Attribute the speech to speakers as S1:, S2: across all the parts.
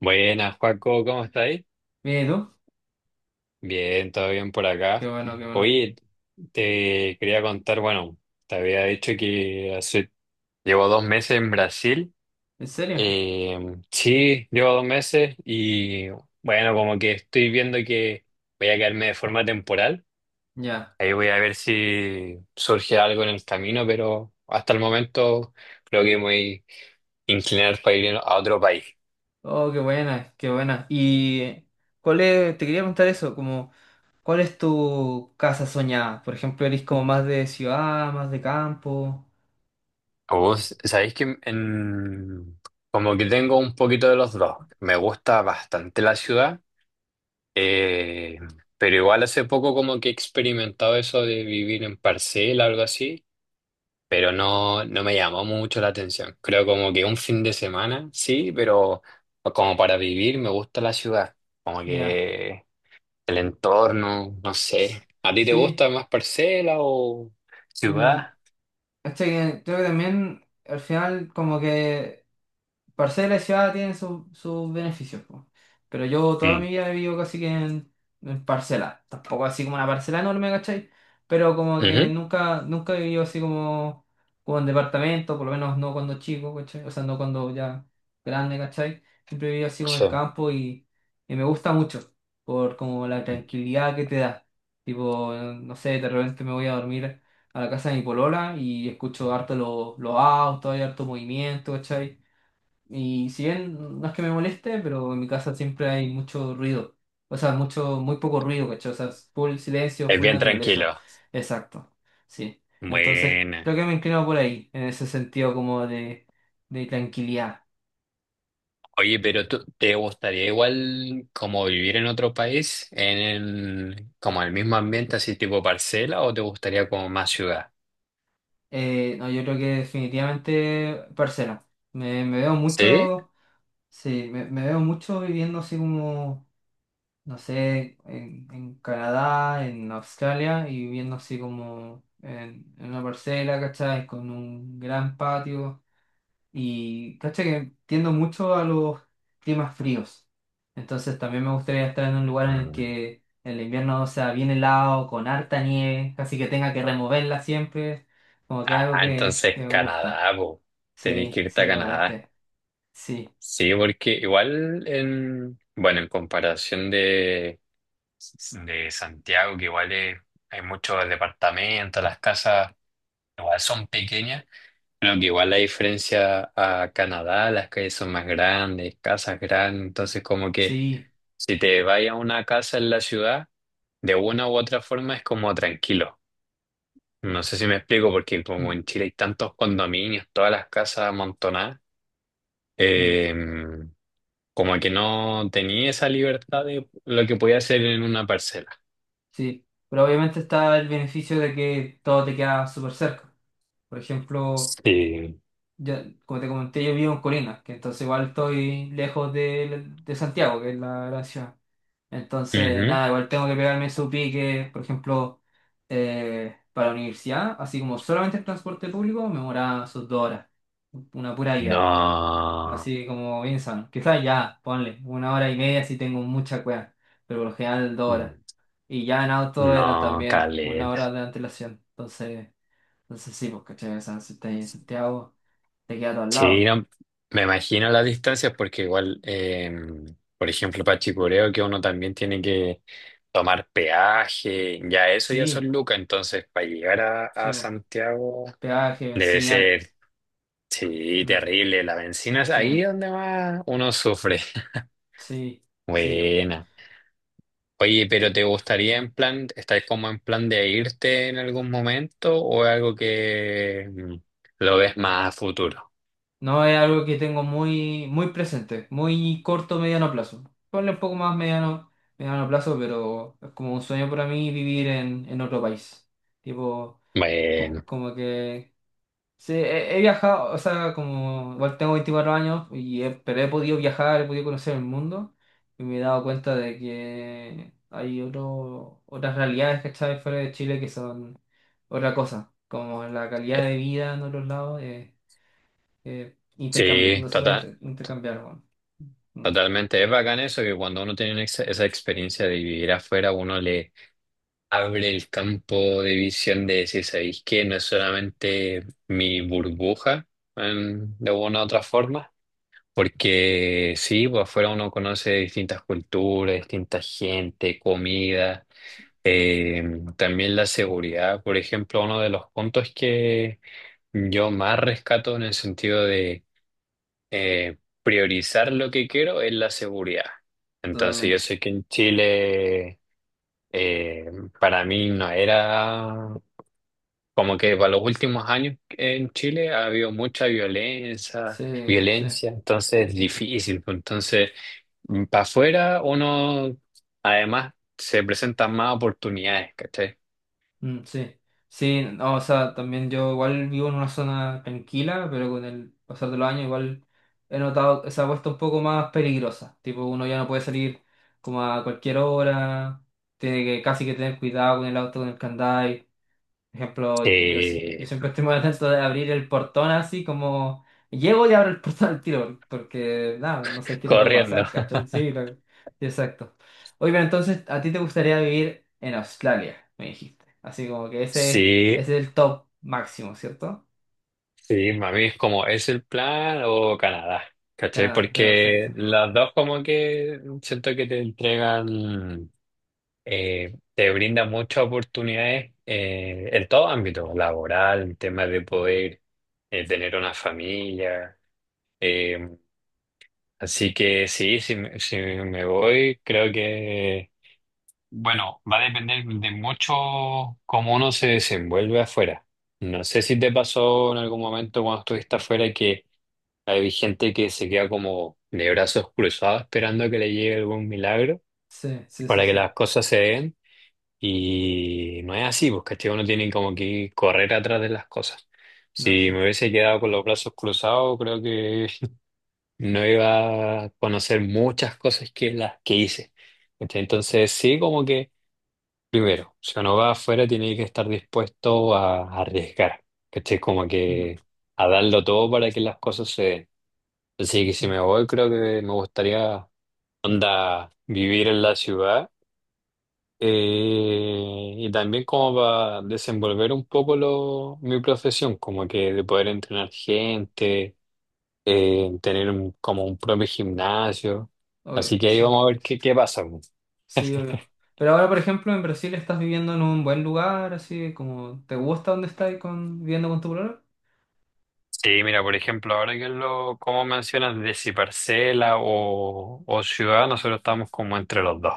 S1: Buenas, Joaco, ¿cómo estáis?
S2: Mira, ¿y tú?
S1: Bien, todo bien por
S2: Qué
S1: acá.
S2: bueno, qué bueno.
S1: Oye, te quería contar, bueno, te había dicho que hace, llevo 2 meses en Brasil.
S2: ¿En serio?
S1: Eh, sí, llevo 2 meses y bueno, como que estoy viendo que voy a quedarme de forma temporal.
S2: Ya.
S1: Ahí voy a ver si surge algo en el camino, pero hasta el momento creo que me voy a inclinar para ir a otro país.
S2: Oh, qué buena, qué buena. Y cuál es, te quería preguntar eso, como, ¿cuál es tu casa soñada? Por ejemplo, ¿eres como más de ciudad, más de campo?
S1: Oh, sabéis que como que tengo un poquito de los dos. Me gusta bastante la ciudad, eh, pero igual hace poco como que he experimentado eso de vivir en parcela, algo así, pero no, no me llamó mucho la atención. Creo como que un fin de semana, sí, pero como para vivir me gusta la ciudad, como
S2: Ya.
S1: que el entorno, no
S2: S-
S1: sé. ¿A ti te
S2: Sí.
S1: gusta más parcela o
S2: Mm.
S1: ciudad?
S2: ¿Cachai? Que Creo que también al final como que parcela y ciudad tienen sus beneficios, po. Pero yo toda mi
S1: Mm.
S2: vida he vivido casi que en parcela. Tampoco así como una parcela enorme, ¿cachai? Pero como que
S1: Ujú.
S2: nunca, nunca he vivido así como en departamento, por lo menos no cuando chico, ¿cachai? O sea, no cuando ya grande, ¿cachai? Siempre he vivido así como en
S1: Sí.
S2: el campo y me gusta mucho por como la tranquilidad que te da. Tipo, no sé, de repente me voy a dormir a la casa de mi polola y escucho harto los autos, hay harto movimiento, ¿cachai? Y si bien no es que me moleste, pero en mi casa siempre hay mucho ruido. O sea, mucho, muy poco ruido, ¿cachai? O sea, es full silencio,
S1: Es
S2: full
S1: bien
S2: naturaleza.
S1: tranquilo.
S2: Exacto. Sí. Entonces,
S1: Buena.
S2: creo que me inclino por ahí, en ese sentido como de tranquilidad.
S1: Oye, pero tú, ¿te gustaría igual como vivir en otro país, en el, como el mismo ambiente, así tipo parcela, o te gustaría como más ciudad?
S2: No, yo creo que definitivamente parcela. Me veo
S1: ¿Sí?
S2: mucho, sí, me veo mucho viviendo así como no sé, en, Canadá, en Australia, y viviendo así como en una parcela, ¿cachai? Con un gran patio. Y, ¿cachai? Que tiendo mucho a los climas fríos. Entonces también me gustaría estar en un lugar en el
S1: Mm.
S2: que el invierno sea bien helado, con harta nieve, casi que tenga que removerla siempre. Como que algo
S1: Ah,
S2: que,
S1: entonces
S2: que me gusta.
S1: Canadá, po. Tenés que
S2: Sí,
S1: irte
S2: sí,
S1: a Canadá.
S2: totalmente. Sí,
S1: Sí, porque igual en, bueno, en comparación de Santiago, que igual hay muchos departamentos, las casas igual son pequeñas. Bueno, que igual la diferencia a Canadá, las calles son más grandes, casas grandes, entonces como que
S2: sí.
S1: si te vas a una casa en la ciudad, de una u otra forma es como tranquilo. No sé si me explico, porque como
S2: Mm,
S1: en Chile hay tantos condominios, todas las casas amontonadas,
S2: mm.
S1: eh, como que no tenía esa libertad de lo que podía hacer en una parcela.
S2: Sí, pero obviamente está el beneficio de que todo te queda súper cerca. Por ejemplo,
S1: Sí.
S2: yo, como te comenté, yo vivo en Colinas, que entonces igual estoy lejos de, Santiago, que es la gran ciudad. Entonces,
S1: Ujú.
S2: nada, igual tengo que pegarme su pique, por ejemplo, para la universidad, así como solamente el transporte público, me demoraba sus 2 horas, una pura ida,
S1: No,
S2: así como bien sano. Quizás ya, ponle, 1 hora y media si tengo mucha cueva, pero por lo general 2 horas. Y ya en auto era
S1: no,
S2: también 1 hora
S1: caleta.
S2: de antelación. entonces, sí, pues, ¿cachai? O sea, si estás en Santiago, te queda todo al
S1: Sí,
S2: lado.
S1: no, me imagino las distancias porque igual, por ejemplo, para Chicureo que uno también tiene que tomar peaje, ya eso ya son
S2: Sí,
S1: lucas, entonces para llegar a,
S2: sí,
S1: a
S2: pues.
S1: Santiago
S2: Peaje,
S1: debe
S2: benzina.
S1: ser, sí,
S2: Mm,
S1: terrible, la bencina es
S2: sí,
S1: ahí donde más uno sufre.
S2: sí, sí.
S1: Buena. Oye, pero ¿te gustaría en plan, estáis como en plan de irte en algún momento o es algo que lo ves más a futuro?
S2: No es algo que tengo muy, muy presente, muy corto, mediano plazo. Ponle un poco más mediano, mediano plazo, pero es como un sueño para mí vivir en otro país. Tipo,
S1: Bueno.
S2: como que sí, he viajado, o sea, como igual tengo 24 años, y pero he podido viajar, he podido conocer el mundo y me he dado cuenta de que hay otro, otras realidades, ¿cachai? Fuera de Chile que son otra cosa, como la calidad
S1: eh,
S2: de vida en otros lados,
S1: Sí,
S2: no se puede intercambiar, bueno. Mm.
S1: totalmente, es bacán eso, que cuando uno tiene una esa experiencia de vivir afuera, uno le abre el campo de visión de decir, ¿sabéis qué? No es solamente mi burbuja, de una u otra forma, porque sí, pues afuera uno conoce distintas culturas, distintas gente, comida,
S2: Sí,
S1: eh, también la seguridad, por ejemplo, uno de los puntos que yo más rescato en el sentido de eh, priorizar lo que quiero es la seguridad. Entonces yo
S2: totalmente.
S1: sé que en Chile eh, para mí no era como que para los últimos años en Chile ha habido mucha violencia,
S2: Sí, sí.
S1: violencia, entonces es difícil, pues. Entonces para afuera uno además se presentan más oportunidades, ¿cachai?
S2: Mm, sí, sí, no, o sea, también yo igual vivo en una zona tranquila, pero con el pasar de los años igual he notado, que se ha puesto un poco más peligrosa, tipo uno ya no puede salir como a cualquier hora, tiene que casi que tener cuidado con el auto, con el candado, por ejemplo, yo, yo
S1: Eh,
S2: siempre estoy muy atento de abrir el portón así como llego y abro el portón al tiro, porque nada, no sé qué te puede
S1: Corriendo.
S2: pasar, ¿cachai? Sí, exacto. Oye, pero entonces, ¿a ti te gustaría vivir en Australia? Me dijiste. Así como que ese,
S1: Sí,
S2: ese es el top máximo, ¿cierto?
S1: sí, a mí es como, ¿es el plan o Canadá? ¿Cachai?
S2: Canadá, ya,
S1: Porque
S2: perfecto.
S1: las dos como que siento que te entregan, te brindan muchas oportunidades en todo ámbito, laboral, en temas de poder tener una familia. eh, Así que sí, si me voy, creo que, bueno, va a depender de mucho cómo uno se desenvuelve afuera. No sé si te pasó en algún momento cuando estuviste afuera que hay gente que se queda como de brazos cruzados esperando a que le llegue algún milagro
S2: Sí, sí, sí,
S1: para que
S2: sí.
S1: las cosas se den y no es así, pues, ¿cachai? Uno tiene como que correr atrás de las cosas.
S2: No,
S1: Si
S2: sí.
S1: me hubiese quedado con los brazos cruzados, creo que no iba a conocer muchas cosas que las que hice. ¿Cachai? Entonces sí, como que primero, si uno va afuera tiene que estar dispuesto a arriesgar, ¿cachai? Como
S2: Mm,
S1: que a darlo todo para que las cosas se den. Así que si
S2: sí,
S1: me voy, creo que me gustaría, onda, vivir en la ciudad y también como para desenvolver un poco lo, mi profesión, como que de poder entrenar gente, tener como un propio gimnasio.
S2: obvio,
S1: Así que ahí
S2: sí.
S1: vamos a ver qué pasa, po.
S2: Sí, obvio. Pero ahora, por ejemplo, en Brasil estás viviendo en un buen lugar, así como, ¿te gusta donde estás viviendo con tu problema?
S1: Sí, mira, por ejemplo, ahora que lo, como mencionas, de si parcela o ciudad, nosotros estamos como entre los dos.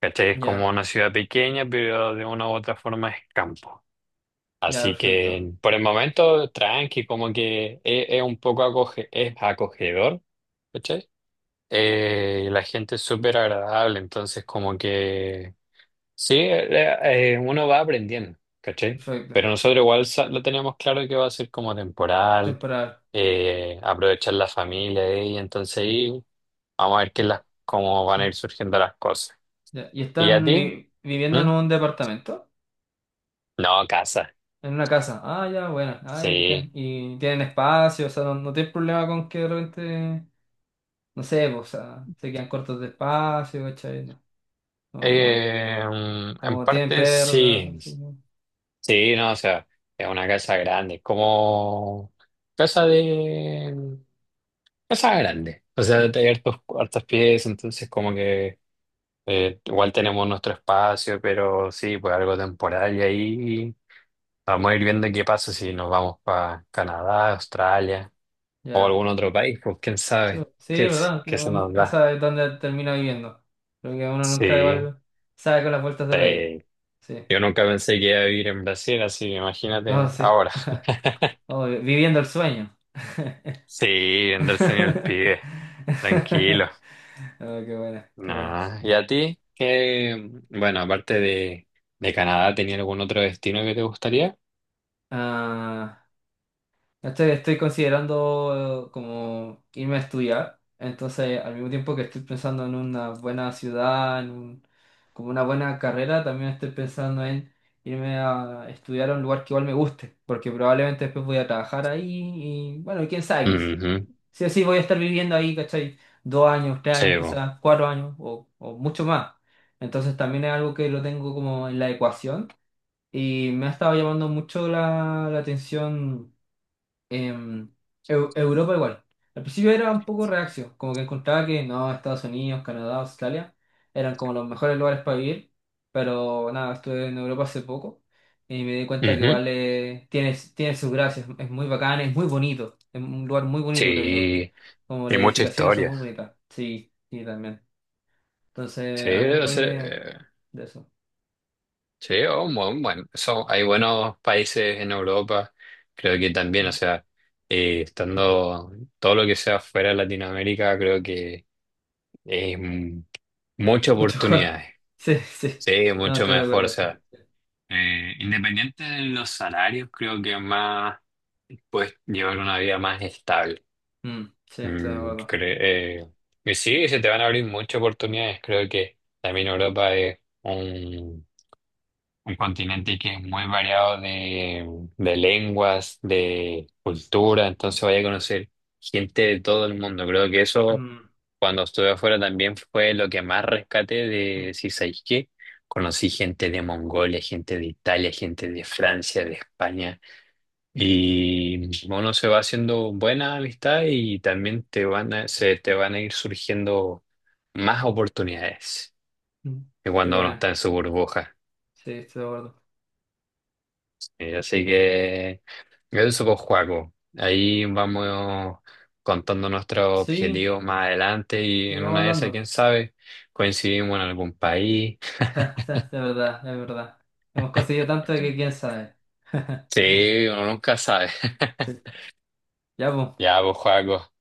S1: ¿Cachai? Es como
S2: Ya.
S1: una ciudad pequeña, pero de una u otra forma es campo.
S2: Ya,
S1: Así
S2: perfecto.
S1: que por el momento, tranqui, como que es un poco es acogedor, ¿cachai? Y la gente es súper agradable, entonces como que sí, uno va aprendiendo, ¿cachai?
S2: Perfecto.
S1: Pero nosotros igual lo teníamos claro que va a ser como temporal,
S2: Temporal.
S1: aprovechar la familia y entonces ahí vamos a ver cómo van
S2: Sí.
S1: a ir surgiendo las cosas.
S2: Ya. ¿Y
S1: ¿Y a
S2: están
S1: ti?
S2: viviendo
S1: ¿Mm?
S2: en un departamento?
S1: No, casa,
S2: En una casa. Ah, ya, bueno. Ah, ya.
S1: sí.
S2: Y tienen espacio, o sea, no, no tienen problema con que de repente, no sé, pues, o sea, se quedan cortos de espacio, ¿cachai? No, no. No.
S1: Eh, en
S2: Como tienen
S1: parte
S2: perros, gatos,
S1: sí,
S2: sí, no.
S1: sí, no, o sea, es una casa grande, como casa de casa grande, o sea,
S2: Ya,
S1: hay hartas piezas, entonces como que igual tenemos nuestro espacio, pero sí, pues algo temporal y ahí vamos a ir viendo qué pasa si nos vamos para Canadá, Australia o
S2: ya.
S1: algún otro país, pues quién
S2: Sí,
S1: sabe
S2: sí,
S1: qué,
S2: es verdad, que
S1: qué se
S2: uno
S1: nos
S2: nunca
S1: da.
S2: sabe dónde termina viviendo. Creo que uno nunca
S1: Sí.
S2: igual sabe con las vueltas de la vida.
S1: Sí,
S2: Sí.
S1: yo nunca pensé que iba a vivir en Brasil, así que
S2: No,
S1: imagínate
S2: sí.
S1: ahora.
S2: Oh, viviendo el sueño.
S1: Sí, andarse en el pibe, tranquilo.
S2: Oh, qué buenas, qué buenas.
S1: No. ¿Y a ti? ¿Qué, bueno, aparte de Canadá, tenía algún otro destino que te gustaría?
S2: Ah, estoy considerando como irme a estudiar, entonces al mismo tiempo que estoy pensando en una buena ciudad, como una buena carrera, también estoy pensando en irme a estudiar a un lugar que igual me guste, porque probablemente después voy a trabajar ahí y bueno, quién sabe,
S1: Ujú.
S2: sí o sí voy a estar viviendo ahí, ¿cachai? 2 años, tres
S1: Sí,
S2: años,
S1: bo.
S2: quizás 4 años o mucho más. Entonces también es algo que lo tengo como en la ecuación y me ha estado llamando mucho la atención em, Europa igual. Al principio era un poco reacio, como que encontraba que no, Estados Unidos, Canadá, Australia eran como los mejores lugares para vivir, pero nada, estuve en Europa hace poco y me di cuenta que
S1: Ujú.
S2: igual tiene sus gracias, es muy bacán, es muy bonito, es un lugar muy bonito creo yo,
S1: Sí,
S2: como
S1: y
S2: las
S1: mucha
S2: edificaciones son
S1: historia.
S2: muy bonitas, sí, sí también.
S1: Sí,
S2: Entonces, algún
S1: o
S2: país
S1: sea,
S2: de, de eso.
S1: sí, oh, bueno, bueno, hay buenos países en Europa, creo que también, o
S2: Mm,
S1: sea, estando todo lo que sea fuera de Latinoamérica, creo que Eh, muchas
S2: mucho mejor,
S1: oportunidades,
S2: sí, sí,
S1: sí,
S2: no,
S1: mucho
S2: estoy de
S1: mejor. O
S2: acuerdo.
S1: sea, independiente de los salarios, creo que más puedes llevar una vida más estable.
S2: Mm, sí, estoy de
S1: Mm,
S2: acuerdo.
S1: y sí, se te van a abrir muchas oportunidades. Creo que también Europa es un continente que es muy variado de lenguas, de cultura, entonces vaya a conocer gente de todo el mundo. Creo que eso,
S2: Mm.
S1: cuando estuve afuera, también fue lo que más rescaté
S2: Mm.
S1: de si sabéis qué. Conocí gente de Mongolia, gente de Italia, gente de Francia, de España. Y uno se va haciendo buena amistad y también te van a, se te van a ir surgiendo más oportunidades
S2: Mm.
S1: que
S2: Qué
S1: cuando uno está
S2: pena.
S1: en su burbuja.
S2: Sí, estoy de acuerdo.
S1: Así que eso, pues, Joaco. Ahí vamos contando nuestros
S2: Sí,
S1: objetivos más adelante y
S2: y
S1: en
S2: vamos
S1: una de esas,
S2: hablando.
S1: quién sabe, coincidimos en algún país.
S2: De verdad, de verdad. Hemos conseguido tanto que quién sabe.
S1: Sí, uno nunca sabe.
S2: Sí. Ya, pues,
S1: Ya, pues, Joaco,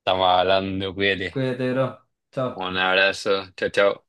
S1: estamos hablando, cuídate.
S2: cuídate, bro.
S1: Un
S2: Chao.
S1: abrazo, chao, chao.